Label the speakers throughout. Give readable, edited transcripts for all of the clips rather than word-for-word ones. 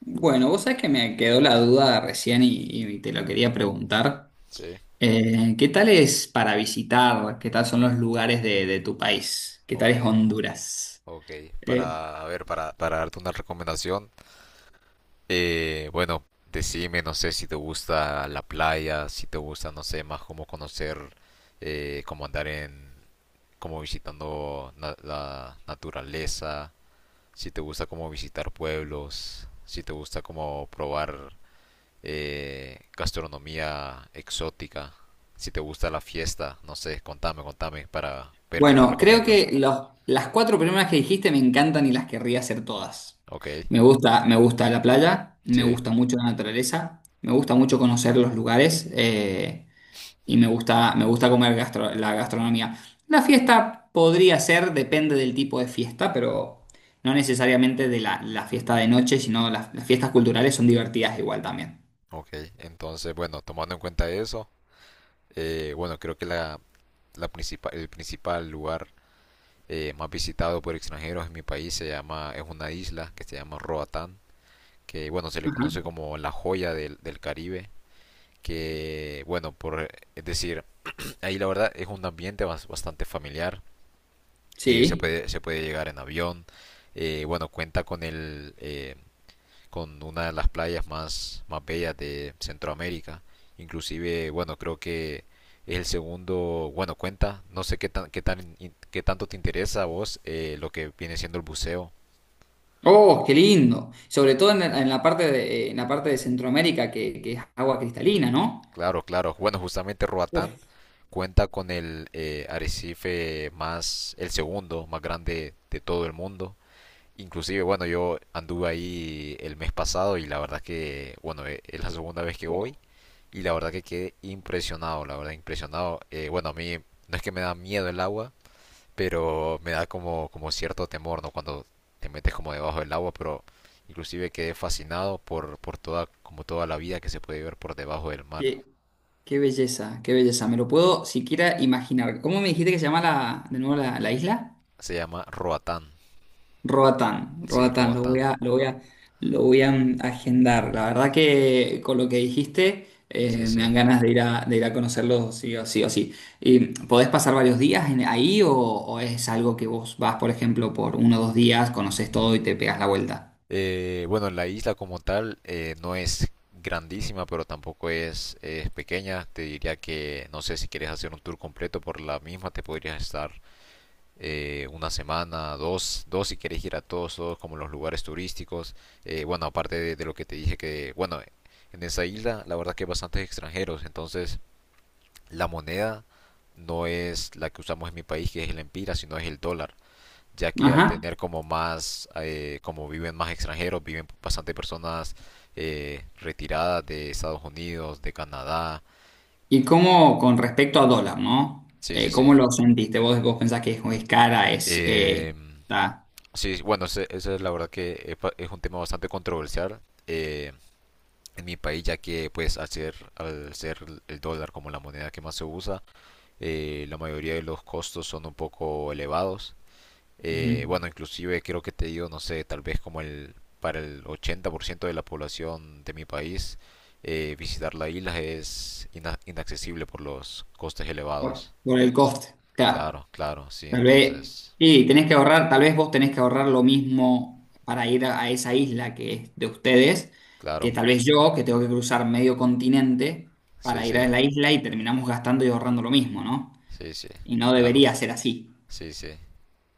Speaker 1: Bueno, vos sabés que me quedó la duda recién y te lo quería preguntar.
Speaker 2: Sí,
Speaker 1: ¿Qué tal es para visitar? ¿Qué tal son los lugares de tu país? ¿Qué tal
Speaker 2: ok,
Speaker 1: es Honduras?
Speaker 2: ok.
Speaker 1: Eh,
Speaker 2: Para, a ver, para darte una recomendación, bueno, decime, no sé, si te gusta la playa, si te gusta, no sé, más cómo conocer, cómo andar en, como la naturaleza, si te gusta como visitar pueblos, si te gusta como probar gastronomía exótica, si te gusta la fiesta, no sé, contame, contame para ver qué te
Speaker 1: bueno, creo
Speaker 2: recomiendo.
Speaker 1: que las cuatro primeras que dijiste me encantan y las querría hacer todas.
Speaker 2: Ok,
Speaker 1: Me gusta la playa, me
Speaker 2: sí.
Speaker 1: gusta mucho la naturaleza, me gusta mucho conocer los lugares. Y me gusta comer la gastronomía. La fiesta podría ser, depende del tipo de fiesta, pero no necesariamente de la fiesta de noche, sino las fiestas culturales son divertidas igual también.
Speaker 2: Ok, entonces, bueno, tomando en cuenta eso, bueno, creo que la principal, el principal lugar más visitado por extranjeros en mi país se llama, es una isla que se llama Roatán, que bueno, se le conoce
Speaker 1: Ajá.
Speaker 2: como la joya del, del Caribe, que bueno, por, es decir, ahí la verdad es un ambiente bastante familiar,
Speaker 1: Sí.
Speaker 2: se puede llegar en avión, bueno, cuenta con el con una de las playas más, más bellas de Centroamérica. Inclusive, bueno, creo que es el segundo, bueno, cuenta, no sé qué tanto te interesa a vos lo que viene siendo el buceo.
Speaker 1: Oh, qué lindo. Sobre todo en en la parte en la parte de Centroamérica, que es agua cristalina, ¿no?
Speaker 2: Claro, claro. Bueno, justamente Roatán
Speaker 1: Uf,
Speaker 2: cuenta con el arrecife más, el segundo más grande de todo el mundo. Inclusive, bueno, yo anduve ahí el mes pasado y la verdad que, bueno, es la segunda vez que voy y la verdad que quedé impresionado, la verdad, impresionado. Bueno, a mí no es que me da miedo el agua, pero me da como, como cierto temor, ¿no? Cuando te metes como debajo del agua, pero inclusive quedé fascinado por toda, como toda la vida que se puede ver por debajo del mar.
Speaker 1: qué, qué belleza, qué belleza. Me lo puedo siquiera imaginar. ¿Cómo me dijiste que se llama de nuevo la isla?
Speaker 2: Se llama
Speaker 1: Roatán, Roatán,
Speaker 2: Roatán,
Speaker 1: lo voy a agendar. La verdad que con lo que dijiste
Speaker 2: sí,
Speaker 1: me
Speaker 2: sí.
Speaker 1: dan ganas de de ir a conocerlo sí o sí o sí. ¿Y podés pasar varios días ahí o es algo que vos vas, por ejemplo, por uno o dos días, conoces todo y te pegas la vuelta?
Speaker 2: Bueno, la isla como tal no es grandísima, pero tampoco es, es pequeña. Te diría que, no sé, si quieres hacer un tour completo por la misma, te podrías estar una semana, dos, dos si querés ir a todos, todos como los lugares turísticos. Bueno, aparte de, lo que te dije que, bueno, en esa isla la verdad que hay bastantes extranjeros, entonces la moneda no es la que usamos en mi país, que es el empira, sino es el dólar, ya que al
Speaker 1: Ajá.
Speaker 2: tener como más, como viven más extranjeros, viven bastante personas retiradas de Estados Unidos, de Canadá.
Speaker 1: ¿Y cómo con respecto a dólar, no?
Speaker 2: Sí, sí, sí.
Speaker 1: ¿Cómo lo sentiste? Vos pensás que es cara? Es,
Speaker 2: Eh,
Speaker 1: está...
Speaker 2: Sí, sí, bueno, esa es la verdad que es un tema bastante controversial eh, en mi país, ya que pues al ser el dólar como la moneda que más se usa, la mayoría de los costos son un poco elevados.
Speaker 1: Ujú.
Speaker 2: Bueno, inclusive creo que te digo, no sé, tal vez como el para el 80% de la población de mi país, visitar la isla es inaccesible por los costes
Speaker 1: por,
Speaker 2: elevados.
Speaker 1: por el coste, claro.
Speaker 2: Claro, claro, sí,
Speaker 1: Tal vez,
Speaker 2: entonces,
Speaker 1: y tenés que ahorrar, tal vez vos tenés que ahorrar lo mismo para ir a esa isla que es de ustedes, que
Speaker 2: claro,
Speaker 1: tal vez yo, que tengo que cruzar medio continente
Speaker 2: sí,
Speaker 1: para ir
Speaker 2: sí,
Speaker 1: a la isla y terminamos gastando y ahorrando lo mismo, ¿no?
Speaker 2: sí, sí,
Speaker 1: Y no
Speaker 2: claro,
Speaker 1: debería ser así.
Speaker 2: sí, sí.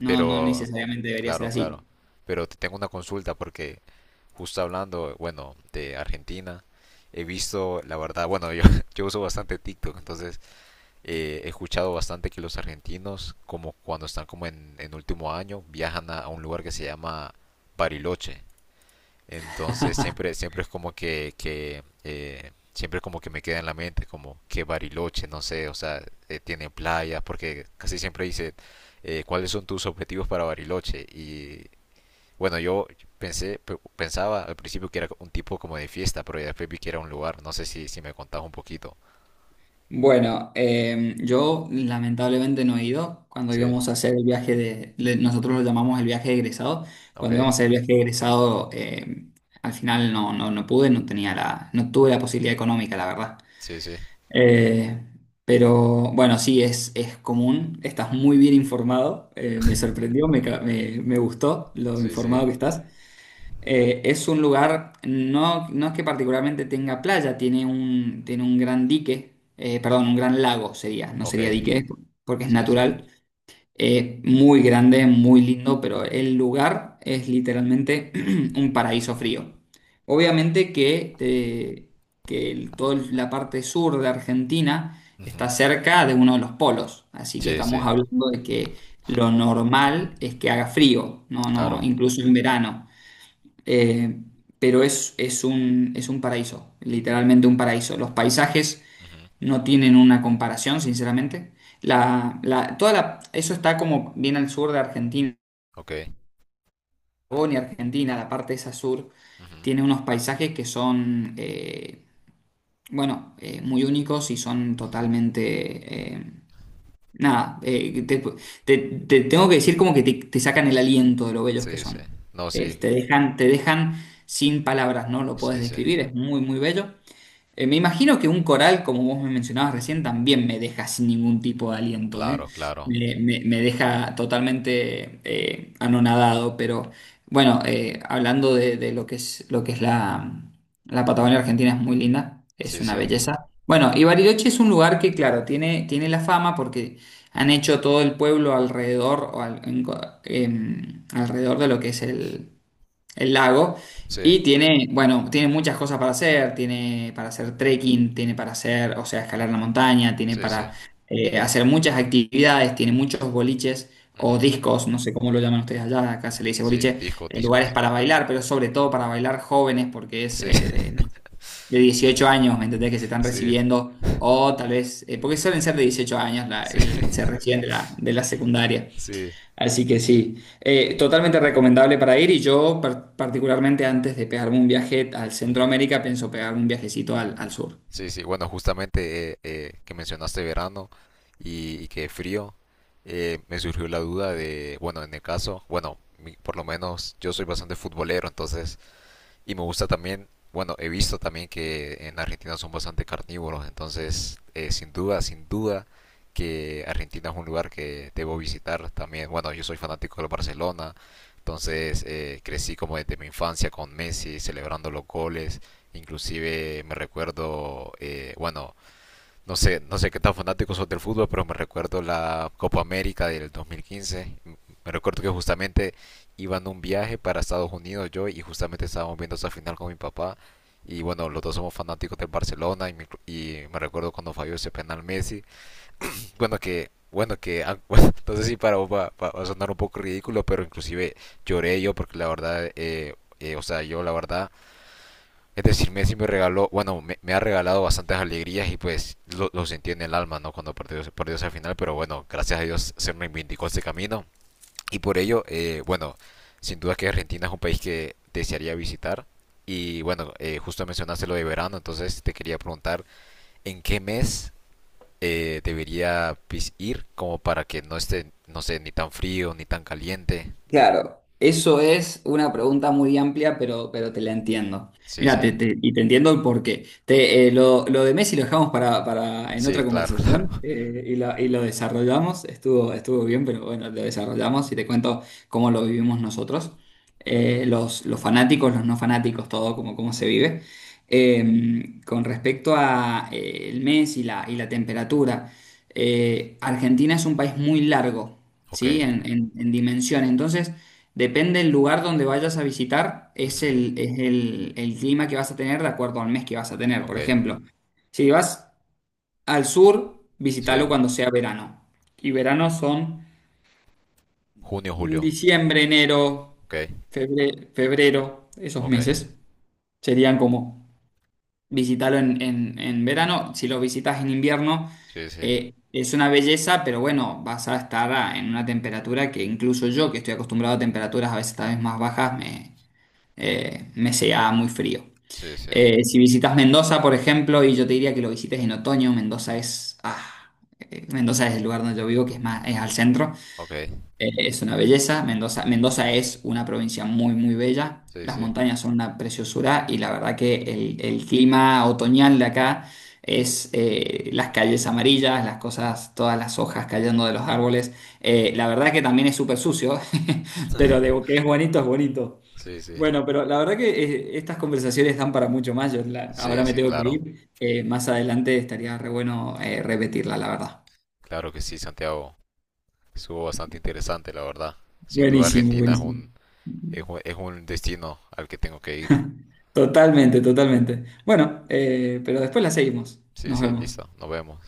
Speaker 1: No, no
Speaker 2: Pero,
Speaker 1: necesariamente debería ser
Speaker 2: claro,
Speaker 1: así.
Speaker 2: claro. Pero te tengo una consulta porque justo hablando, bueno, de Argentina, he visto, la verdad, bueno, yo, yo uso bastante TikTok, entonces he escuchado bastante que los argentinos, como cuando están como en último año, viajan a un lugar que se llama Bariloche. Entonces siempre, siempre es como que, que siempre como que me queda en la mente como que Bariloche, no sé, o sea, tiene playas, porque casi siempre dice cuáles son tus objetivos para Bariloche. Y bueno, yo pensaba al principio que era un tipo como de fiesta, pero ya después vi que era un lugar. No sé si, si me contabas un poquito.
Speaker 1: Bueno, yo lamentablemente no he ido. Cuando
Speaker 2: Sí,
Speaker 1: íbamos a hacer el viaje nosotros lo llamamos el viaje de egresado.
Speaker 2: ok,
Speaker 1: Cuando íbamos a hacer el viaje de egresado, al final no pude, no tenía no tuve la posibilidad económica, la verdad.
Speaker 2: sí, sí,
Speaker 1: Eh, pero bueno, sí, es común. Estás muy bien informado. Me sorprendió, me gustó lo
Speaker 2: sí, sí,
Speaker 1: informado que estás. Es un lugar, no, no es que particularmente tenga playa, tiene un gran dique, perdón, un gran lago sería, no
Speaker 2: ok,
Speaker 1: sería dique, porque es
Speaker 2: sí, sí.
Speaker 1: natural, muy grande, muy lindo, pero el lugar es literalmente un paraíso frío. Obviamente que, que toda la parte sur de Argentina está
Speaker 2: Ujú.
Speaker 1: cerca de uno de los polos, así que
Speaker 2: Sí, sí,
Speaker 1: estamos hablando de que lo normal es que haga frío, no, no,
Speaker 2: claro.
Speaker 1: incluso en verano. Eh, pero es, es un paraíso, literalmente un paraíso. Los paisajes
Speaker 2: Ujú.
Speaker 1: no tienen una comparación, sinceramente. Toda la... eso está como bien al sur de Argentina,
Speaker 2: Ok.
Speaker 1: Patagonia, Argentina, la parte esa sur,
Speaker 2: Ujú.
Speaker 1: tiene unos paisajes que son, bueno, muy únicos y son totalmente nada, te tengo que decir como te sacan el aliento de lo bellos que
Speaker 2: Sí, sí.
Speaker 1: son.
Speaker 2: No, sí,
Speaker 1: Te dejan sin palabras, no lo puedes
Speaker 2: sí, sí.
Speaker 1: describir, es muy, muy bello. Me imagino que un coral, como vos me mencionabas recién, también me deja sin ningún tipo de aliento, ¿eh?
Speaker 2: Claro, claro.
Speaker 1: Me deja totalmente anonadado, pero bueno, hablando de lo que es la Patagonia Argentina, es muy linda, es
Speaker 2: Sí,
Speaker 1: una
Speaker 2: sí.
Speaker 1: belleza. Bueno, y Bariloche es un lugar que, claro, tiene la fama porque han
Speaker 2: Ujú.
Speaker 1: hecho todo el pueblo alrededor, o al- en co- em, alrededor de lo que es el lago.
Speaker 2: Sí,
Speaker 1: Y tiene, bueno, tiene muchas cosas para hacer, tiene para hacer trekking, tiene para hacer, o sea, escalar la montaña, tiene
Speaker 2: sí, sí.
Speaker 1: para hacer muchas actividades, tiene muchos boliches o
Speaker 2: Ujú.
Speaker 1: discos, no sé cómo lo llaman ustedes allá, acá se le dice
Speaker 2: Sí,
Speaker 1: boliche,
Speaker 2: discos,
Speaker 1: lugares
Speaker 2: discos.
Speaker 1: para bailar, pero sobre todo para bailar jóvenes, porque es
Speaker 2: Sí,
Speaker 1: de, no, de 18 años, ¿me entendés? Que se están
Speaker 2: sí,
Speaker 1: recibiendo, o tal vez, porque suelen ser de 18 años,
Speaker 2: sí,
Speaker 1: se reciben de de la secundaria.
Speaker 2: sí.
Speaker 1: Así que sí, totalmente recomendable para ir y yo particularmente antes de pegarme un viaje al
Speaker 2: Ujú.
Speaker 1: Centroamérica pienso pegarme un viajecito al sur.
Speaker 2: Sí, sí. Bueno, justamente que mencionaste verano y que frío, me surgió la duda de, bueno, en el caso, bueno, por lo menos yo soy bastante futbolero, entonces y me gusta también, bueno, he visto también que en Argentina son bastante carnívoros, entonces sin duda, sin duda que Argentina es un lugar que debo visitar también. Bueno, yo soy fanático del Barcelona, entonces crecí como desde mi infancia con Messi celebrando los goles, inclusive me recuerdo, bueno, no sé, no sé qué tan fanáticos sos del fútbol, pero me recuerdo la Copa América del 2015. Me recuerdo que justamente iba en un viaje para Estados Unidos yo y justamente estábamos viendo esa final con mi papá. Y bueno, los dos somos fanáticos del Barcelona y me recuerdo cuando falló ese penal Messi. Bueno, que ah, bueno, no sé si para vos va, va a sonar un poco ridículo, pero inclusive lloré yo porque la verdad, o sea, yo la verdad es decir, Messi me regaló, bueno, me ha regalado bastantes alegrías y pues lo sentí en el alma, ¿no? Cuando perdió, perdió esa final, pero bueno, gracias a Dios se reivindicó ese camino. Y por ello, bueno, sin duda que Argentina es un país que desearía visitar. Y bueno, justo mencionaste lo de verano, entonces te quería preguntar, ¿en qué mes debería ir como para que no esté, no sé, ni tan frío, ni tan caliente?
Speaker 1: Claro, eso es una pregunta muy amplia, pero te la entiendo.
Speaker 2: Sí,
Speaker 1: Mira,
Speaker 2: sí.
Speaker 1: y te entiendo el porqué. Lo de Messi lo dejamos para en
Speaker 2: Sí,
Speaker 1: otra
Speaker 2: claro,
Speaker 1: conversación
Speaker 2: claro.
Speaker 1: y lo desarrollamos. Estuvo bien, pero bueno, lo desarrollamos y te cuento cómo lo vivimos nosotros. Los fanáticos, los no fanáticos, todo, cómo se vive. Con respecto a el mes y y la temperatura, Argentina es un país muy largo.
Speaker 2: Ok.
Speaker 1: ¿Sí? En dimensión. Entonces, depende del lugar donde vayas a visitar, es
Speaker 2: Ujú.
Speaker 1: el clima que vas a tener de acuerdo al mes que vas a tener. Por
Speaker 2: Ok.
Speaker 1: ejemplo, si vas al sur,
Speaker 2: Sí.
Speaker 1: visítalo cuando sea verano. Y verano son
Speaker 2: Junio, julio.
Speaker 1: diciembre, enero,
Speaker 2: Ok,
Speaker 1: febrero, esos
Speaker 2: ok.
Speaker 1: meses. Serían como visitarlo en verano. Si lo visitas en invierno,
Speaker 2: Sí, sí.
Speaker 1: es una belleza, pero bueno, vas a estar en una temperatura que incluso yo, que estoy acostumbrado a temperaturas a veces tal vez más bajas, me sea muy frío.
Speaker 2: Sí, sí.
Speaker 1: Si visitas Mendoza, por ejemplo, y yo te diría que lo visites en otoño. Mendoza es el lugar donde yo vivo, que es más, es al centro.
Speaker 2: Ok.
Speaker 1: Es una belleza. Mendoza es una provincia muy, muy bella.
Speaker 2: Sí,
Speaker 1: Las
Speaker 2: sí.
Speaker 1: montañas son una preciosura y la verdad que el clima otoñal de acá es las calles amarillas, las cosas, todas las hojas cayendo de los árboles.
Speaker 2: Ujú.
Speaker 1: La verdad que también es súper sucio, pero de que es bonito, es bonito.
Speaker 2: Sí, sí.
Speaker 1: Bueno, pero la verdad que estas conversaciones dan para mucho más. Yo
Speaker 2: Sí,
Speaker 1: ahora me
Speaker 2: sí,
Speaker 1: tengo que
Speaker 2: claro.
Speaker 1: ir. Más adelante estaría re bueno repetirla, la verdad.
Speaker 2: Claro que sí, Santiago. Estuvo bastante interesante, la verdad. Sin duda,
Speaker 1: Buenísimo,
Speaker 2: Argentina es
Speaker 1: buenísimo.
Speaker 2: un, es un, es un destino al que tengo que ir.
Speaker 1: Totalmente, totalmente. Bueno, pero después la seguimos.
Speaker 2: Sí,
Speaker 1: Nos
Speaker 2: sí,
Speaker 1: vemos.
Speaker 2: listo. Nos vemos.